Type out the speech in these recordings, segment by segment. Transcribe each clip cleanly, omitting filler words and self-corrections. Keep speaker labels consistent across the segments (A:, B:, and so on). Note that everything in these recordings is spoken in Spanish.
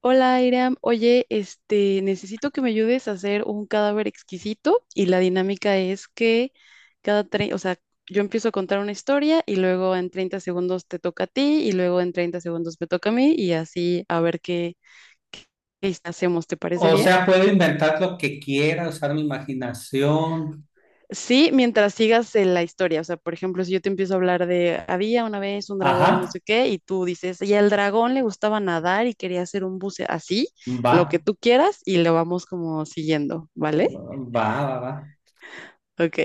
A: Hola, Iram. Oye, necesito que me ayudes a hacer un cadáver exquisito y la dinámica es que cada tre- o sea, yo empiezo a contar una historia y luego en 30 segundos te toca a ti y luego en 30 segundos me toca a mí y así a ver qué hacemos. ¿Te parece
B: O
A: bien?
B: sea, puedo inventar lo que quiera, usar mi imaginación.
A: Sí, mientras sigas la historia, o sea, por ejemplo, si yo te empiezo a hablar de había una vez un dragón, no
B: Ajá,
A: sé qué, y tú dices, y al dragón le gustaba nadar y quería hacer un buceo así,
B: va,
A: lo que tú quieras y lo vamos como siguiendo, ¿vale?
B: va, va, va.
A: Ok,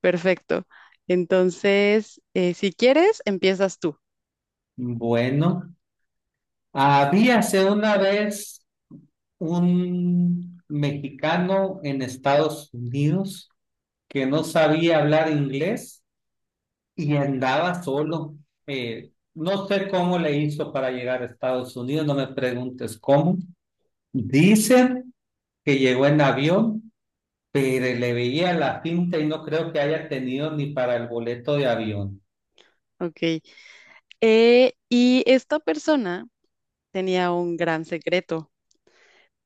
A: perfecto. Entonces, si quieres, empiezas tú.
B: Bueno, habíase una vez un mexicano en Estados Unidos que no sabía hablar inglés y andaba solo. No sé cómo le hizo para llegar a Estados Unidos, no me preguntes cómo. Dicen que llegó en avión, pero le veía la pinta y no creo que haya tenido ni para el boleto de avión.
A: Ok. Y esta persona tenía un gran secreto,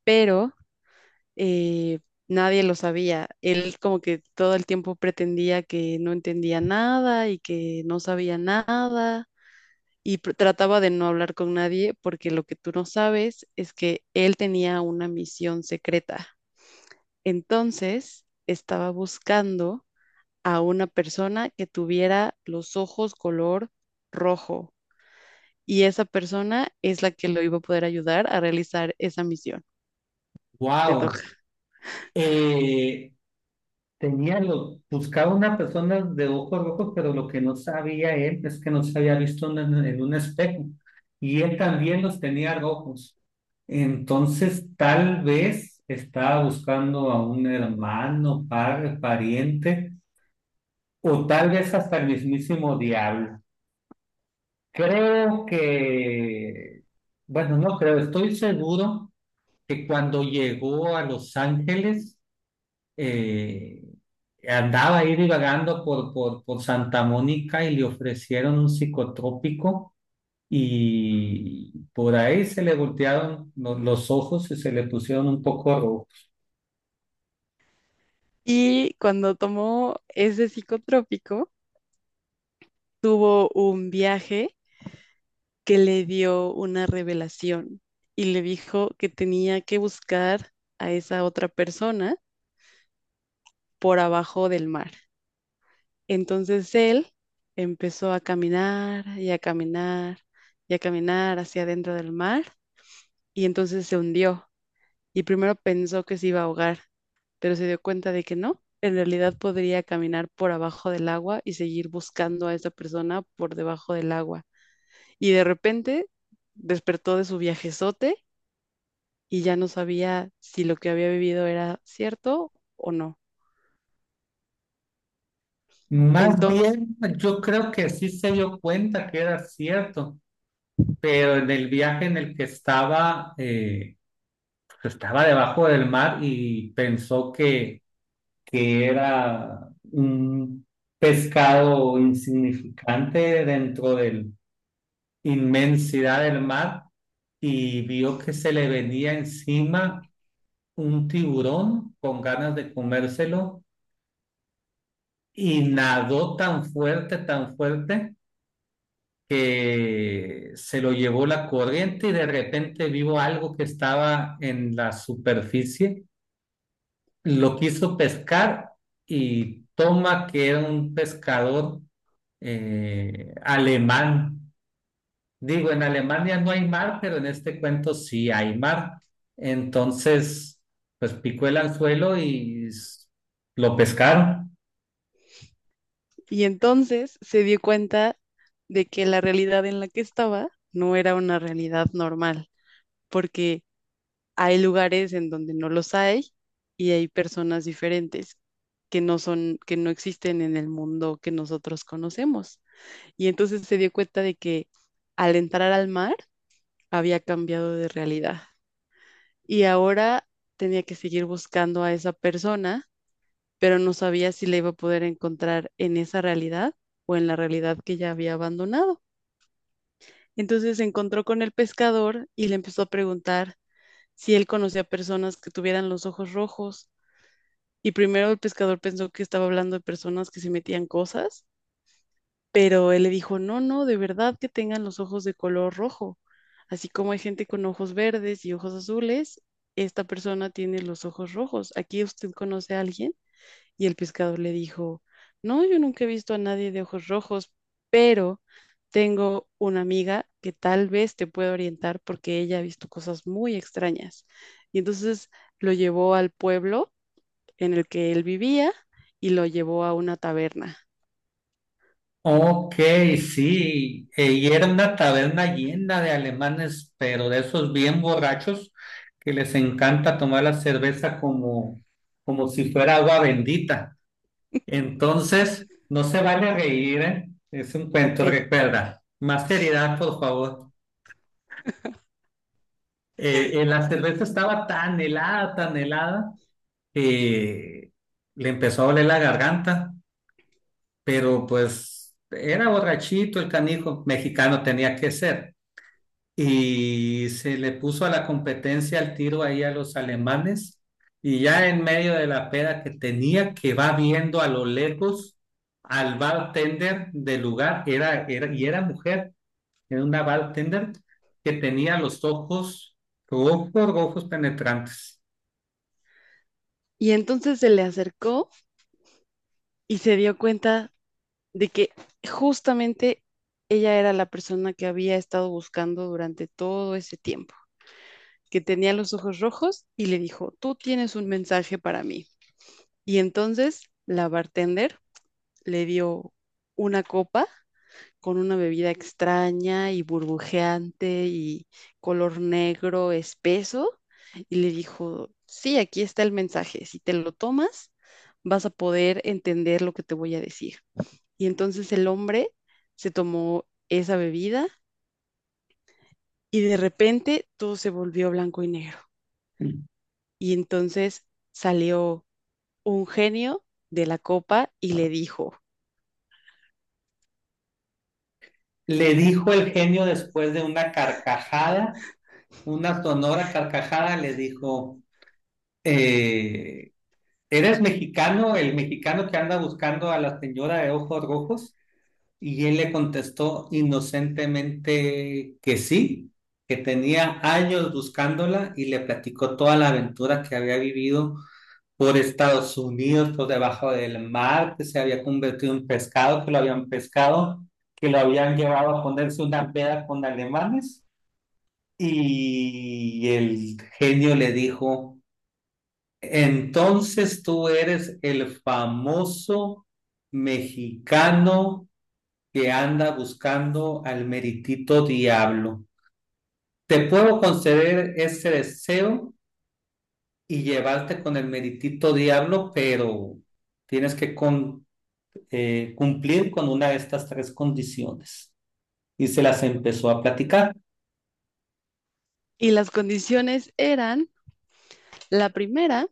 A: pero eh, nadie lo sabía. Él como que todo el tiempo pretendía que no entendía nada y que no sabía nada y trataba de no hablar con nadie porque lo que tú no sabes es que él tenía una misión secreta. Entonces, estaba buscando a una persona que tuviera los ojos color rojo y esa persona es la que lo iba a poder ayudar a realizar esa misión. Te toca.
B: Wow. Eh, Buscaba una persona de ojos rojos, pero lo que no sabía él es que no se había visto en un espejo. Y él también los tenía rojos. Entonces, tal vez estaba buscando a un hermano, padre, pariente, o tal vez hasta el mismísimo diablo. Creo que, bueno, no creo, estoy seguro que cuando llegó a Los Ángeles, eh, andaba ahí divagando por Santa Mónica y le ofrecieron un psicotrópico y por ahí se le voltearon los ojos y se le pusieron un poco rojos.
A: Y cuando tomó ese psicotrópico, tuvo un viaje que le dio una revelación y le dijo que tenía que buscar a esa otra persona por abajo del mar. Entonces él empezó a caminar y a caminar y a caminar hacia adentro del mar y entonces se hundió y primero pensó que se iba a ahogar, pero se dio cuenta de que no, en realidad podría caminar por abajo del agua y seguir buscando a esa persona por debajo del agua. Y de repente despertó de su viajezote y ya no sabía si lo que había vivido era cierto o no.
B: Más
A: Entonces,
B: bien, yo creo que sí se dio cuenta que era cierto, pero en el viaje en el que estaba, pues, estaba debajo del mar y pensó que era un pescado insignificante dentro de la inmensidad del mar y vio que se le venía encima un tiburón con ganas de comérselo y nadó tan fuerte, tan fuerte, que se lo llevó la corriente y de repente vio algo que estaba en la superficie. Lo quiso pescar y toma que era un pescador alemán. Digo, en Alemania no hay mar, pero en este cuento sí hay mar. Entonces, pues picó el anzuelo y lo pescaron.
A: y entonces se dio cuenta de que la realidad en la que estaba no era una realidad normal, porque hay lugares en donde no los hay y hay personas diferentes que que no existen en el mundo que nosotros conocemos. Y entonces se dio cuenta de que al entrar al mar había cambiado de realidad y ahora tenía que seguir buscando a esa persona, pero no sabía si la iba a poder encontrar en esa realidad o en la realidad que ya había abandonado. Entonces se encontró con el pescador y le empezó a preguntar si él conocía personas que tuvieran los ojos rojos. Y primero el pescador pensó que estaba hablando de personas que se metían cosas, pero él le dijo, no, no, de verdad que tengan los ojos de color rojo. Así como hay gente con ojos verdes y ojos azules, esta persona tiene los ojos rojos. ¿Aquí usted conoce a alguien? Y el pescador le dijo, no, yo nunca he visto a nadie de ojos rojos, pero tengo una amiga que tal vez te pueda orientar porque ella ha visto cosas muy extrañas. Y entonces lo llevó al pueblo en el que él vivía y lo llevó a una taberna.
B: Ok, sí. Y era una taberna llena de alemanes, pero de esos bien borrachos que les encanta tomar la cerveza como, como si fuera agua bendita. Entonces, no se vale reír, ¿eh? Es un cuento,
A: Ok.
B: recuerda. Más seriedad, por favor. La cerveza estaba tan helada, que le empezó a doler la garganta, pero pues era borrachito el canijo, mexicano tenía que ser. Y se le puso a la competencia el tiro ahí a los alemanes y ya en medio de la peda que tenía, que va viendo a lo lejos al bartender del lugar. Era mujer, era una bartender que tenía los ojos rojos, rojos, penetrantes.
A: Y entonces se le acercó y se dio cuenta de que justamente ella era la persona que había estado buscando durante todo ese tiempo, que tenía los ojos rojos y le dijo, tú tienes un mensaje para mí. Y entonces la bartender le dio una copa con una bebida extraña y burbujeante y color negro espeso y le dijo, sí, aquí está el mensaje, si te lo tomas, vas a poder entender lo que te voy a decir. Y entonces el hombre se tomó esa bebida y de repente todo se volvió blanco y negro. Y entonces salió un genio de la copa y le dijo,
B: Le dijo el genio, después de una carcajada, una sonora carcajada, le dijo, eh, ¿eres mexicano, el mexicano que anda buscando a la señora de ojos rojos? Y él le contestó inocentemente que sí, que tenía años buscándola, y le platicó toda la aventura que había vivido por Estados Unidos, por debajo del mar, que se había convertido en pescado, que lo habían pescado, que lo habían llevado a ponerse una peda con alemanes. Y el genio le dijo: entonces tú eres el famoso mexicano que anda buscando al meritito diablo. Te puedo conceder ese deseo y llevarte con el meritito diablo, pero tienes que cumplir con una de estas tres condiciones. Y se las empezó a platicar.
A: y las condiciones eran, la primera,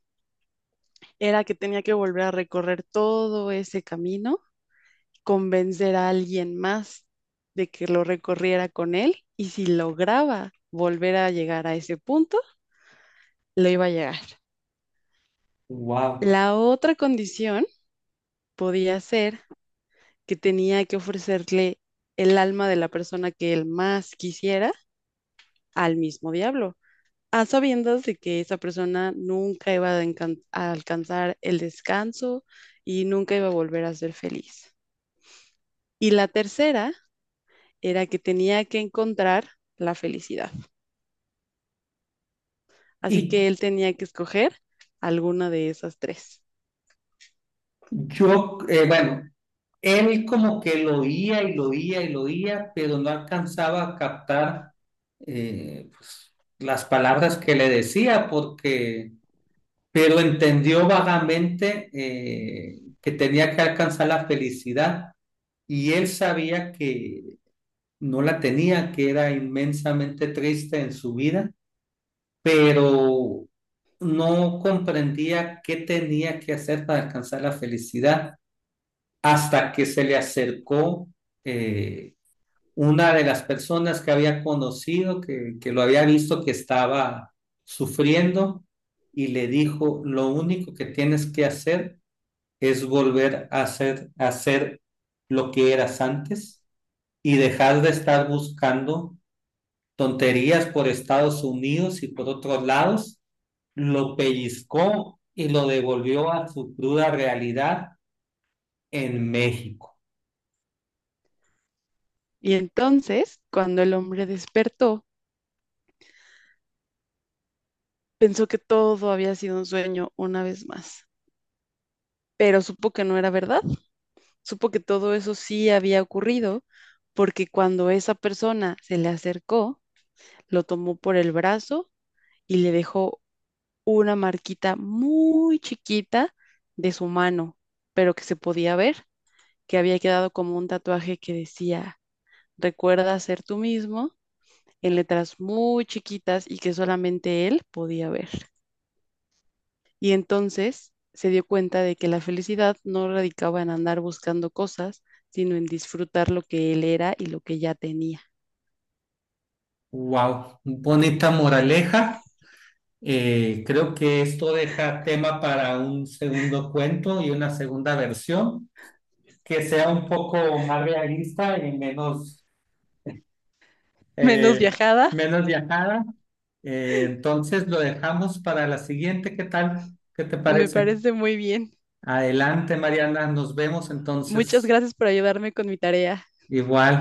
A: era que tenía que volver a recorrer todo ese camino, convencer a alguien más de que lo recorriera con él y si lograba volver a llegar a ese punto, lo iba a llegar.
B: Wow.
A: La otra condición podía ser que tenía que ofrecerle el alma de la persona que él más quisiera al mismo diablo, a sabiendas de que esa persona nunca iba a alcanzar el descanso y nunca iba a volver a ser feliz. Y la tercera era que tenía que encontrar la felicidad. Así
B: Y
A: que él tenía que escoger alguna de esas tres.
B: yo, eh, bueno, Él como que lo oía y lo oía y lo oía, pero no alcanzaba a captar, pues, las palabras que le decía, porque, pero entendió vagamente, que tenía que alcanzar la felicidad, y él sabía que no la tenía, que era inmensamente triste en su vida, pero no comprendía qué tenía que hacer para alcanzar la felicidad hasta que se le acercó, eh, una de las personas que había conocido, que lo había visto que estaba sufriendo, y le dijo, lo único que tienes que hacer es volver a hacer lo que eras antes y dejar de estar buscando tonterías por Estados Unidos y por otros lados. Lo pellizcó y lo devolvió a su cruda realidad en México.
A: Y entonces, cuando el hombre despertó, pensó que todo había sido un sueño una vez más, pero supo que no era verdad, supo que todo eso sí había ocurrido, porque cuando esa persona se le acercó, lo tomó por el brazo y le dejó una marquita muy chiquita de su mano, pero que se podía ver, que había quedado como un tatuaje que decía, recuerda ser tú mismo, en letras muy chiquitas y que solamente él podía ver. Y entonces se dio cuenta de que la felicidad no radicaba en andar buscando cosas, sino en disfrutar lo que él era y lo que ya tenía.
B: Wow, bonita moraleja. Creo que esto deja tema para un segundo cuento y una segunda versión que sea un poco más realista y menos,
A: Menos
B: eh,
A: viajada.
B: menos viajada. Entonces lo dejamos para la siguiente. ¿Qué tal? ¿Qué te
A: Me
B: parece?
A: parece muy bien.
B: Adelante, Mariana. Nos vemos
A: Muchas
B: entonces.
A: gracias por ayudarme con mi tarea.
B: Igual.